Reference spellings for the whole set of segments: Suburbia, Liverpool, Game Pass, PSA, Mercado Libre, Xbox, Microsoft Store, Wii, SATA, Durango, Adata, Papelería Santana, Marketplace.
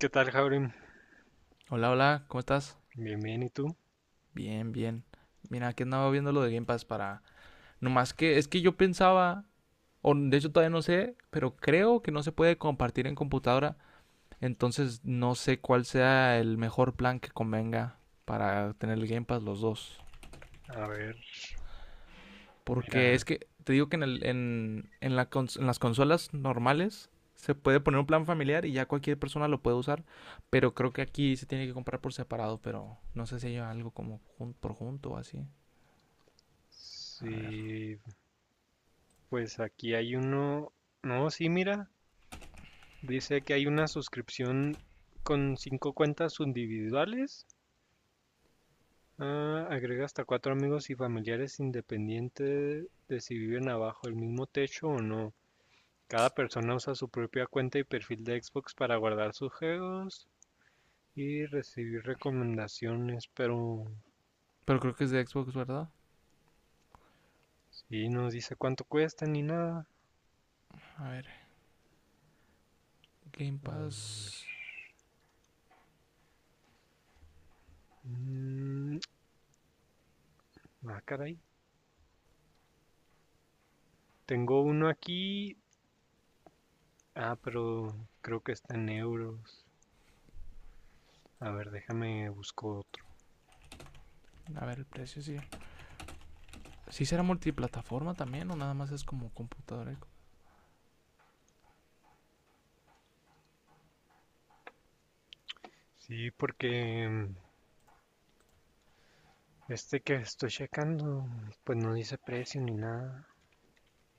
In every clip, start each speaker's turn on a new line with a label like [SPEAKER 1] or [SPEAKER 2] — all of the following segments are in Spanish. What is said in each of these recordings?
[SPEAKER 1] ¿Qué tal, Jaurim?
[SPEAKER 2] Hola, hola, ¿cómo estás?
[SPEAKER 1] Bien, bien, ¿y tú?
[SPEAKER 2] Bien, bien. Mira, aquí andaba viendo lo de Game Pass para... Nomás que es que yo pensaba, o de hecho todavía no sé, pero creo que no se puede compartir en computadora. Entonces no sé cuál sea el mejor plan que convenga para tener el Game Pass los dos.
[SPEAKER 1] A ver,
[SPEAKER 2] Porque es
[SPEAKER 1] mira,
[SPEAKER 2] que te digo que en, el- en la cons- en las consolas normales se puede poner un plan familiar y ya cualquier persona lo puede usar. Pero creo que aquí se tiene que comprar por separado, pero no sé si hay algo como por junto o así. A ver.
[SPEAKER 1] sí, pues aquí hay uno. No, sí, mira, dice que hay una suscripción con 5 cuentas individuales. Ah, agrega hasta 4 amigos y familiares independiente de si viven abajo el mismo techo o no. Cada persona usa su propia cuenta y perfil de Xbox para guardar sus juegos y recibir recomendaciones, pero
[SPEAKER 2] Pero creo que es de Xbox, ¿verdad?
[SPEAKER 1] sí, no dice cuánto cuesta ni nada.
[SPEAKER 2] A ver, Game
[SPEAKER 1] A,
[SPEAKER 2] Pass.
[SPEAKER 1] mm, ah, caray. Tengo uno aquí. Ah, pero creo que está en euros. A ver, déjame busco otro.
[SPEAKER 2] A ver, el precio sí. ¿Sí será multiplataforma también o nada más es como computadora? Y
[SPEAKER 1] Sí, porque este que estoy checando, pues no dice precio ni nada.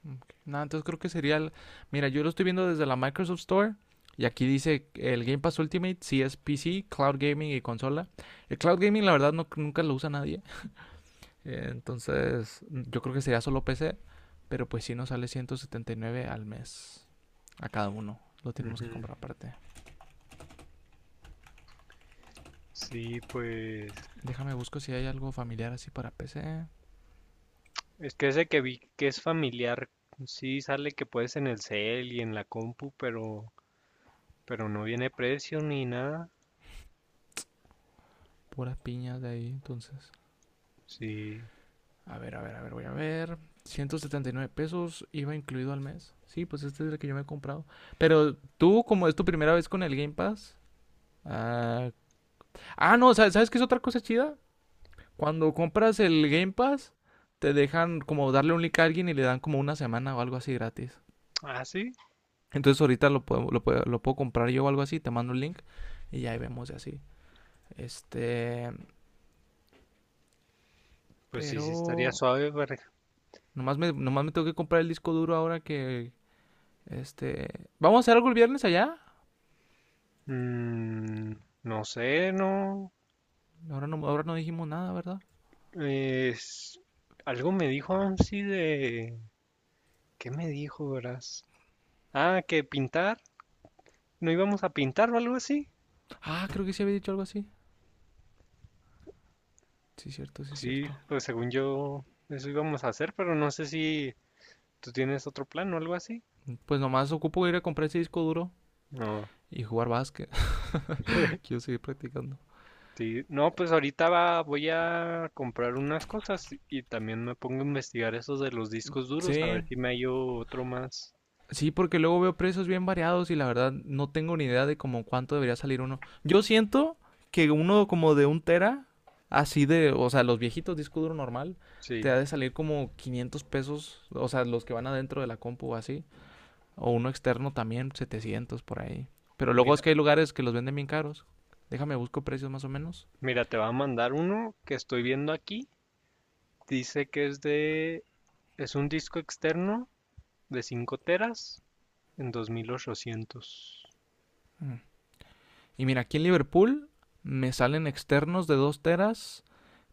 [SPEAKER 2] Ok. Nada, entonces creo que sería. Mira, yo lo estoy viendo desde la Microsoft Store. Y aquí dice el Game Pass Ultimate, sí es PC, Cloud Gaming y consola. El Cloud Gaming, la verdad, no, nunca lo usa nadie. Entonces, yo creo que sería solo PC. Pero pues sí nos sale 179 al mes. A cada uno. Lo tenemos que
[SPEAKER 1] Ujú.
[SPEAKER 2] comprar aparte.
[SPEAKER 1] Sí, pues
[SPEAKER 2] Déjame busco si hay algo familiar así para PC.
[SPEAKER 1] es que ese que vi que es familiar, sí sale que puedes en el cel y en la compu, pero no viene precio ni nada.
[SPEAKER 2] Puras piñas de ahí, entonces.
[SPEAKER 1] Sí.
[SPEAKER 2] A ver, a ver, a ver, voy a ver. 179 pesos iba incluido al mes. Sí, pues este es el que yo me he comprado. Pero tú, como es tu primera vez con el Game Pass. Ah, no, ¿sabes qué es otra cosa chida? Cuando compras el Game Pass, te dejan como darle un link a alguien y le dan como una semana o algo así gratis.
[SPEAKER 1] Ah, sí.
[SPEAKER 2] Entonces ahorita lo puedo comprar yo o algo así, te mando el link y ya ahí vemos y así. Este,
[SPEAKER 1] Pues sí, sí estaría
[SPEAKER 2] pero
[SPEAKER 1] suave para...
[SPEAKER 2] nomás me tengo que comprar el disco duro ahora que Este, ¿vamos a hacer algo el viernes allá?
[SPEAKER 1] Mm, no sé, no.
[SPEAKER 2] Ahora no dijimos nada, ¿verdad?
[SPEAKER 1] Es- algo me dijo Amsi de... ¿Qué me dijo, verás? Ah, que pintar. ¿No íbamos a pintar o algo así?
[SPEAKER 2] Ah, creo que sí había dicho algo así. Sí, cierto, sí,
[SPEAKER 1] Sí,
[SPEAKER 2] cierto.
[SPEAKER 1] pues según yo, eso íbamos a hacer, pero no sé si tú tienes otro plan o algo así.
[SPEAKER 2] Pues nomás ocupo ir a comprar ese disco duro
[SPEAKER 1] No.
[SPEAKER 2] y jugar básquet. Quiero seguir practicando.
[SPEAKER 1] Sí, no, pues ahorita va- voy a comprar unas cosas y también me pongo a investigar esos de los discos duros, a
[SPEAKER 2] Sí,
[SPEAKER 1] ver si me hallo otro más.
[SPEAKER 2] sí, porque luego veo precios bien variados y la verdad no tengo ni idea de como cuánto debería salir uno. Yo siento que uno como de un tera, así de, o sea, los viejitos disco duro normal, te
[SPEAKER 1] Sí,
[SPEAKER 2] ha de salir como 500 pesos, o sea, los que van adentro de la compu o así. O uno externo también, 700 por ahí. Pero luego es
[SPEAKER 1] mira.
[SPEAKER 2] que hay lugares que los venden bien caros. Déjame, busco precios más o menos.
[SPEAKER 1] Mira, te va a mandar uno que estoy viendo aquí. Dice que es de, es un disco externo de 5 teras en 2800.
[SPEAKER 2] Mm. Y mira, aquí en Liverpool me salen externos de 2 teras,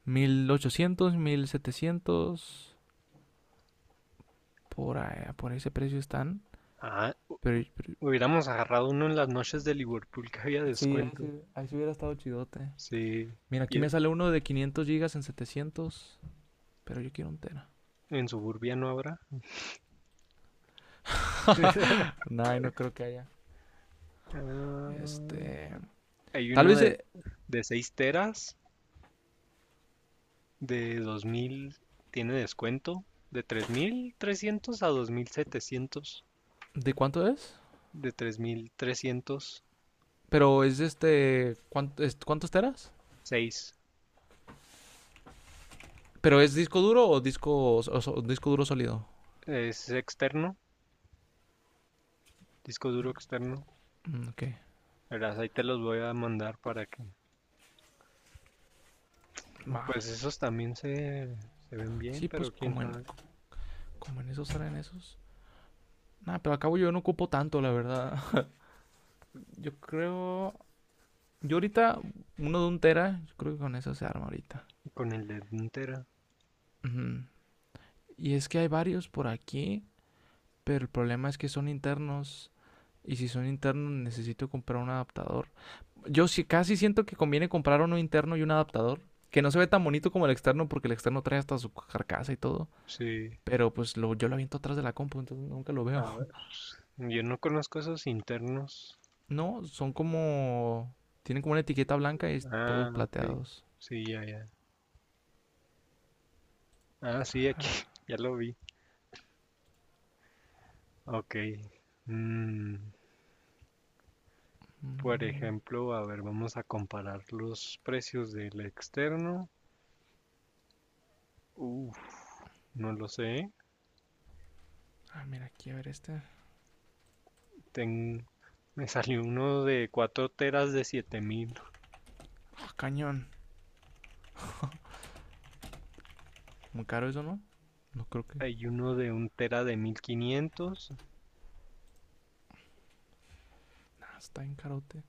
[SPEAKER 2] 1,800, 1,700, por ahí, por ese precio están.
[SPEAKER 1] Ah,
[SPEAKER 2] Pero
[SPEAKER 1] hubiéramos agarrado uno en las noches de Liverpool que había
[SPEAKER 2] sí, ahí sí,
[SPEAKER 1] descuento.
[SPEAKER 2] ahí sí hubiera estado chidote.
[SPEAKER 1] Sí,
[SPEAKER 2] Mira,
[SPEAKER 1] y
[SPEAKER 2] aquí
[SPEAKER 1] en
[SPEAKER 2] me sale uno de 500 gigas en 700. Pero yo quiero un tera.
[SPEAKER 1] Suburbia no habrá.
[SPEAKER 2] No, no creo que haya.
[SPEAKER 1] Ah,
[SPEAKER 2] Este.
[SPEAKER 1] hay
[SPEAKER 2] Tal
[SPEAKER 1] uno
[SPEAKER 2] vez.
[SPEAKER 1] de 6 teras de 2000, tiene descuento de 3300 a 2700.
[SPEAKER 2] ¿De cuánto es?
[SPEAKER 1] De tres mil trescientos.
[SPEAKER 2] Pero es este. ¿Cuántos teras?
[SPEAKER 1] Seis.
[SPEAKER 2] ¿Pero es disco duro o disco duro sólido?
[SPEAKER 1] Es externo, disco duro externo.
[SPEAKER 2] Mm, ok.
[SPEAKER 1] Verás, ahí te los voy a mandar para que...
[SPEAKER 2] Va.
[SPEAKER 1] Pues esos también se ven bien,
[SPEAKER 2] Sí, pues
[SPEAKER 1] pero quién
[SPEAKER 2] como en,
[SPEAKER 1] sabe.
[SPEAKER 2] como en esos eran esos. Nah, pero acabo yo no ocupo tanto, la verdad. Yo creo. Yo ahorita, uno de un tera, yo creo que con eso se arma ahorita.
[SPEAKER 1] Con el de entera.
[SPEAKER 2] Ujú. Y es que hay varios por aquí, pero el problema es que son internos. Y si son internos, necesito comprar un adaptador. Yo sí, casi siento que conviene comprar uno interno y un adaptador. Que no se ve tan bonito como el externo, porque el externo trae hasta su carcasa y todo.
[SPEAKER 1] Sí,
[SPEAKER 2] Pero pues lo, yo lo aviento atrás de la compu, entonces nunca lo veo.
[SPEAKER 1] a ver. Yo no conozco esos internos.
[SPEAKER 2] No, son como. Tienen como una etiqueta blanca y todos
[SPEAKER 1] Ah, ok.
[SPEAKER 2] plateados.
[SPEAKER 1] Sí, ya, ya. Ah, sí, aquí. Ya lo vi. Ok. Mm, por
[SPEAKER 2] Mm.
[SPEAKER 1] ejemplo, a ver, vamos a comparar los precios del externo. Uf, no lo sé.
[SPEAKER 2] Ah, mira, aquí a ver este. Ah,
[SPEAKER 1] Ten- me salió uno de 4 teras de 7000.
[SPEAKER 2] cañón. Muy caro eso, ¿no? No creo que.
[SPEAKER 1] Hay uno de 1 tera de 1500.
[SPEAKER 2] Nah, está en carote.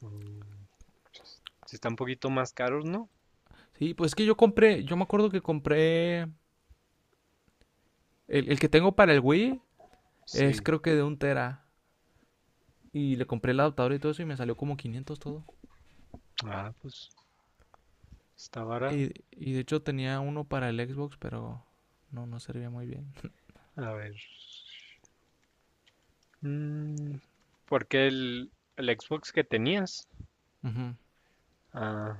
[SPEAKER 1] Mm, sí. Está un poquito más caros, ¿no?
[SPEAKER 2] Sí, pues es que yo compré. Yo me acuerdo que compré. El que tengo para el Wii es
[SPEAKER 1] Sí.
[SPEAKER 2] creo que de un tera. Y le compré el adaptador y todo eso y me salió como 500 todo.
[SPEAKER 1] Ah, pues está barato.
[SPEAKER 2] Y de hecho tenía uno para el Xbox, pero no, no servía muy bien.
[SPEAKER 1] A ver. Mm, porque el Xbox que tenías,
[SPEAKER 2] Ujú.
[SPEAKER 1] ah,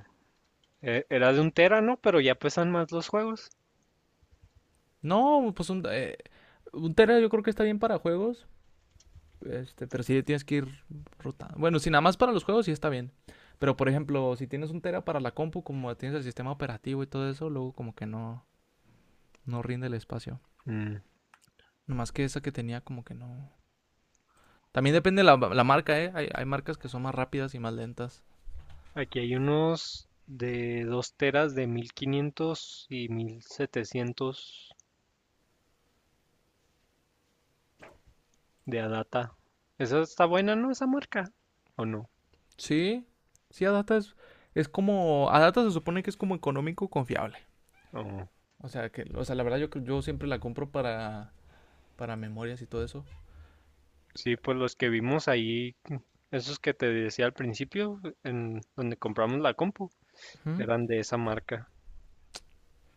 [SPEAKER 1] e- era de un tera, ¿no? Pero ya pesan más los juegos.
[SPEAKER 2] No, pues un tera yo creo que está bien para juegos. Este, pero sí tienes que ir rotando. Bueno, si nada más para los juegos sí está bien. Pero por ejemplo, si tienes un tera para la compu, como tienes el sistema operativo y todo eso, luego como que no, no rinde el espacio.
[SPEAKER 1] Mm.
[SPEAKER 2] Nomás que esa que tenía como que no. También depende la marca, ¿eh? Hay marcas que son más rápidas y más lentas.
[SPEAKER 1] Aquí hay unos de 2 teras de 1500 y 1700. De Adata. Esa está buena, ¿no? Esa marca. ¿O no?
[SPEAKER 2] Sí, sí, Adata es como... Adata se supone que es como económico confiable.
[SPEAKER 1] Oh,
[SPEAKER 2] O sea, la verdad yo siempre la compro para memorias y todo eso.
[SPEAKER 1] sí, pues los que vimos ahí, esos que te decía al principio, en donde compramos la compu,
[SPEAKER 2] Ujú.
[SPEAKER 1] eran de esa marca.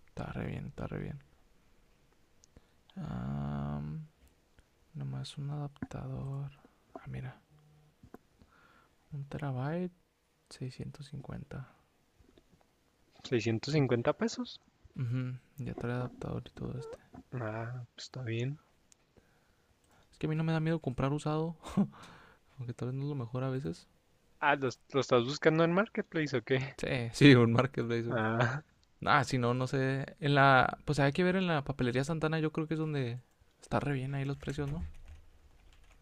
[SPEAKER 2] Está re bien, está re bien. Am, nomás un adaptador. Ah, mira, 1 terabyte, 650.
[SPEAKER 1] 650 pesos.
[SPEAKER 2] Ujú, ya trae adaptador y todo este.
[SPEAKER 1] Ah, pues está bien.
[SPEAKER 2] Es que a mí no me da miedo comprar usado, aunque tal vez no es lo mejor a veces.
[SPEAKER 1] Ah, ¿los- ¿lo, estás buscando en Marketplace o qué?
[SPEAKER 2] Sí, sí, un marketplace.
[SPEAKER 1] Ah,
[SPEAKER 2] Ah, si no, no sé. En la, pues hay que ver en la papelería Santana, yo creo que es donde está re bien ahí los precios, ¿no?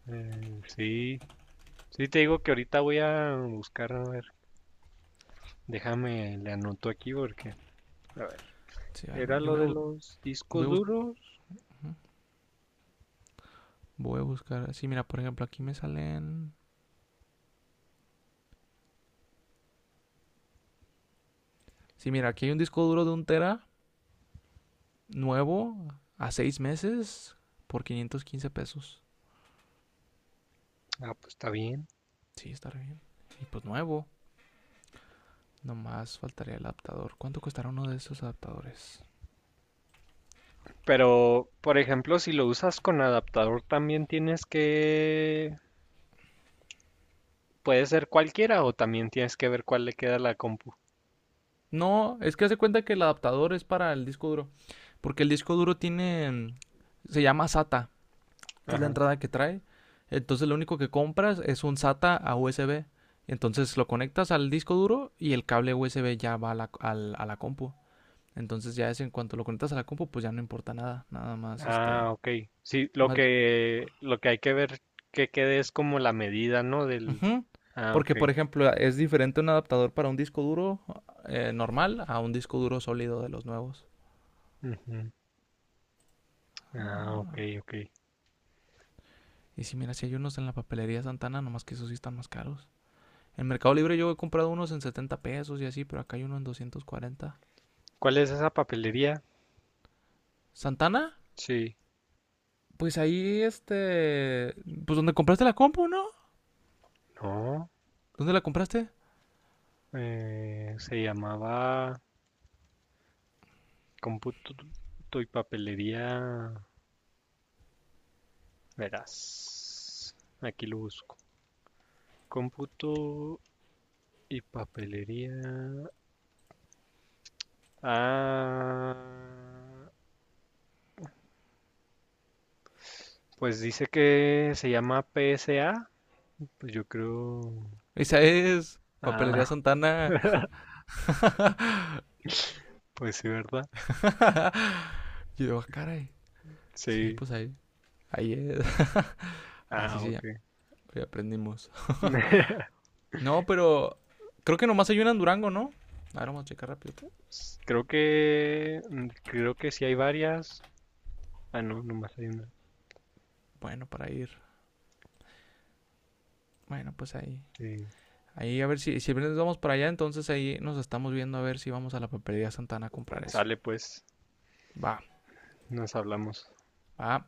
[SPEAKER 1] sí. Sí, te digo que ahorita voy a buscar, a ver, déjame, le anoto aquí porque, a ver,
[SPEAKER 2] Sí, a ver,
[SPEAKER 1] era
[SPEAKER 2] yo
[SPEAKER 1] lo
[SPEAKER 2] voy a,
[SPEAKER 1] de
[SPEAKER 2] bu-
[SPEAKER 1] los
[SPEAKER 2] voy
[SPEAKER 1] discos
[SPEAKER 2] a buscar.
[SPEAKER 1] duros.
[SPEAKER 2] Voy a buscar. Sí, mira, por ejemplo, aquí me salen. Sí, mira, aquí hay un disco duro de un tera nuevo a 6 meses por 515 pesos.
[SPEAKER 1] Ah, pues está bien.
[SPEAKER 2] Sí, está re bien. Y pues nuevo. Nomás faltaría el adaptador. ¿Cuánto costará uno de esos adaptadores?
[SPEAKER 1] Pero, por ejemplo, si lo usas con adaptador, también tienes que... Puede ser cualquiera o también tienes que ver cuál le queda a la compu.
[SPEAKER 2] No, es que hace cuenta que el adaptador es para el disco duro. Porque el disco duro tiene. Se llama SATA. Es la
[SPEAKER 1] Ajá.
[SPEAKER 2] entrada que trae. Entonces lo único que compras es un SATA a USB. Entonces lo conectas al disco duro y el cable USB ya va a a la compu. Entonces ya es en cuanto lo conectas a la compu, pues ya no importa nada. Nada más
[SPEAKER 1] Ah,
[SPEAKER 2] este...
[SPEAKER 1] ok. Sí,
[SPEAKER 2] Más...
[SPEAKER 1] lo que hay que ver que quede es como la medida, ¿no? Del...
[SPEAKER 2] Ujú.
[SPEAKER 1] Ah, ok.
[SPEAKER 2] Porque, por ejemplo, es diferente un adaptador para un disco duro normal a un disco duro sólido de los nuevos.
[SPEAKER 1] Ujú. Ah, ok,
[SPEAKER 2] Ah.
[SPEAKER 1] ok.
[SPEAKER 2] Y si mira, si hay unos en la papelería Santana, nomás que esos sí están más caros. En Mercado Libre yo he comprado unos en 70 pesos y así, pero acá hay uno en 240.
[SPEAKER 1] ¿Cuál es esa papelería?
[SPEAKER 2] ¿Santana?
[SPEAKER 1] Sí.
[SPEAKER 2] Pues ahí, este. Pues donde compraste la compu, ¿no?
[SPEAKER 1] No.
[SPEAKER 2] ¿Dónde la compraste?
[SPEAKER 1] Eh, se llamaba Cómputo y Papelería. Verás. Aquí lo busco. Cómputo y papelería. Ah, pues dice que se llama PSA. Pues yo creo.
[SPEAKER 2] Esa es. Papelería
[SPEAKER 1] Ah,
[SPEAKER 2] Santana.
[SPEAKER 1] pues sí, ¿verdad?
[SPEAKER 2] Y yo, ah, caray. Sí,
[SPEAKER 1] Sí.
[SPEAKER 2] pues ahí. Ahí es. Así
[SPEAKER 1] Ah,
[SPEAKER 2] se llama.
[SPEAKER 1] ok.
[SPEAKER 2] Ya aprendimos. No, pero. Creo que nomás hay una en Durango, ¿no? A ver, vamos a checar rápido.
[SPEAKER 1] Creo que... mm, creo que sí hay varias. Ah, no, nomás hay una.
[SPEAKER 2] Bueno, para ir. Bueno, pues ahí.
[SPEAKER 1] Sí.
[SPEAKER 2] Ahí a ver si, si viernes vamos para allá, entonces ahí nos estamos viendo a ver si vamos a la papelería Santana a comprar eso.
[SPEAKER 1] Sale pues,
[SPEAKER 2] Va,
[SPEAKER 1] nos hablamos.
[SPEAKER 2] va.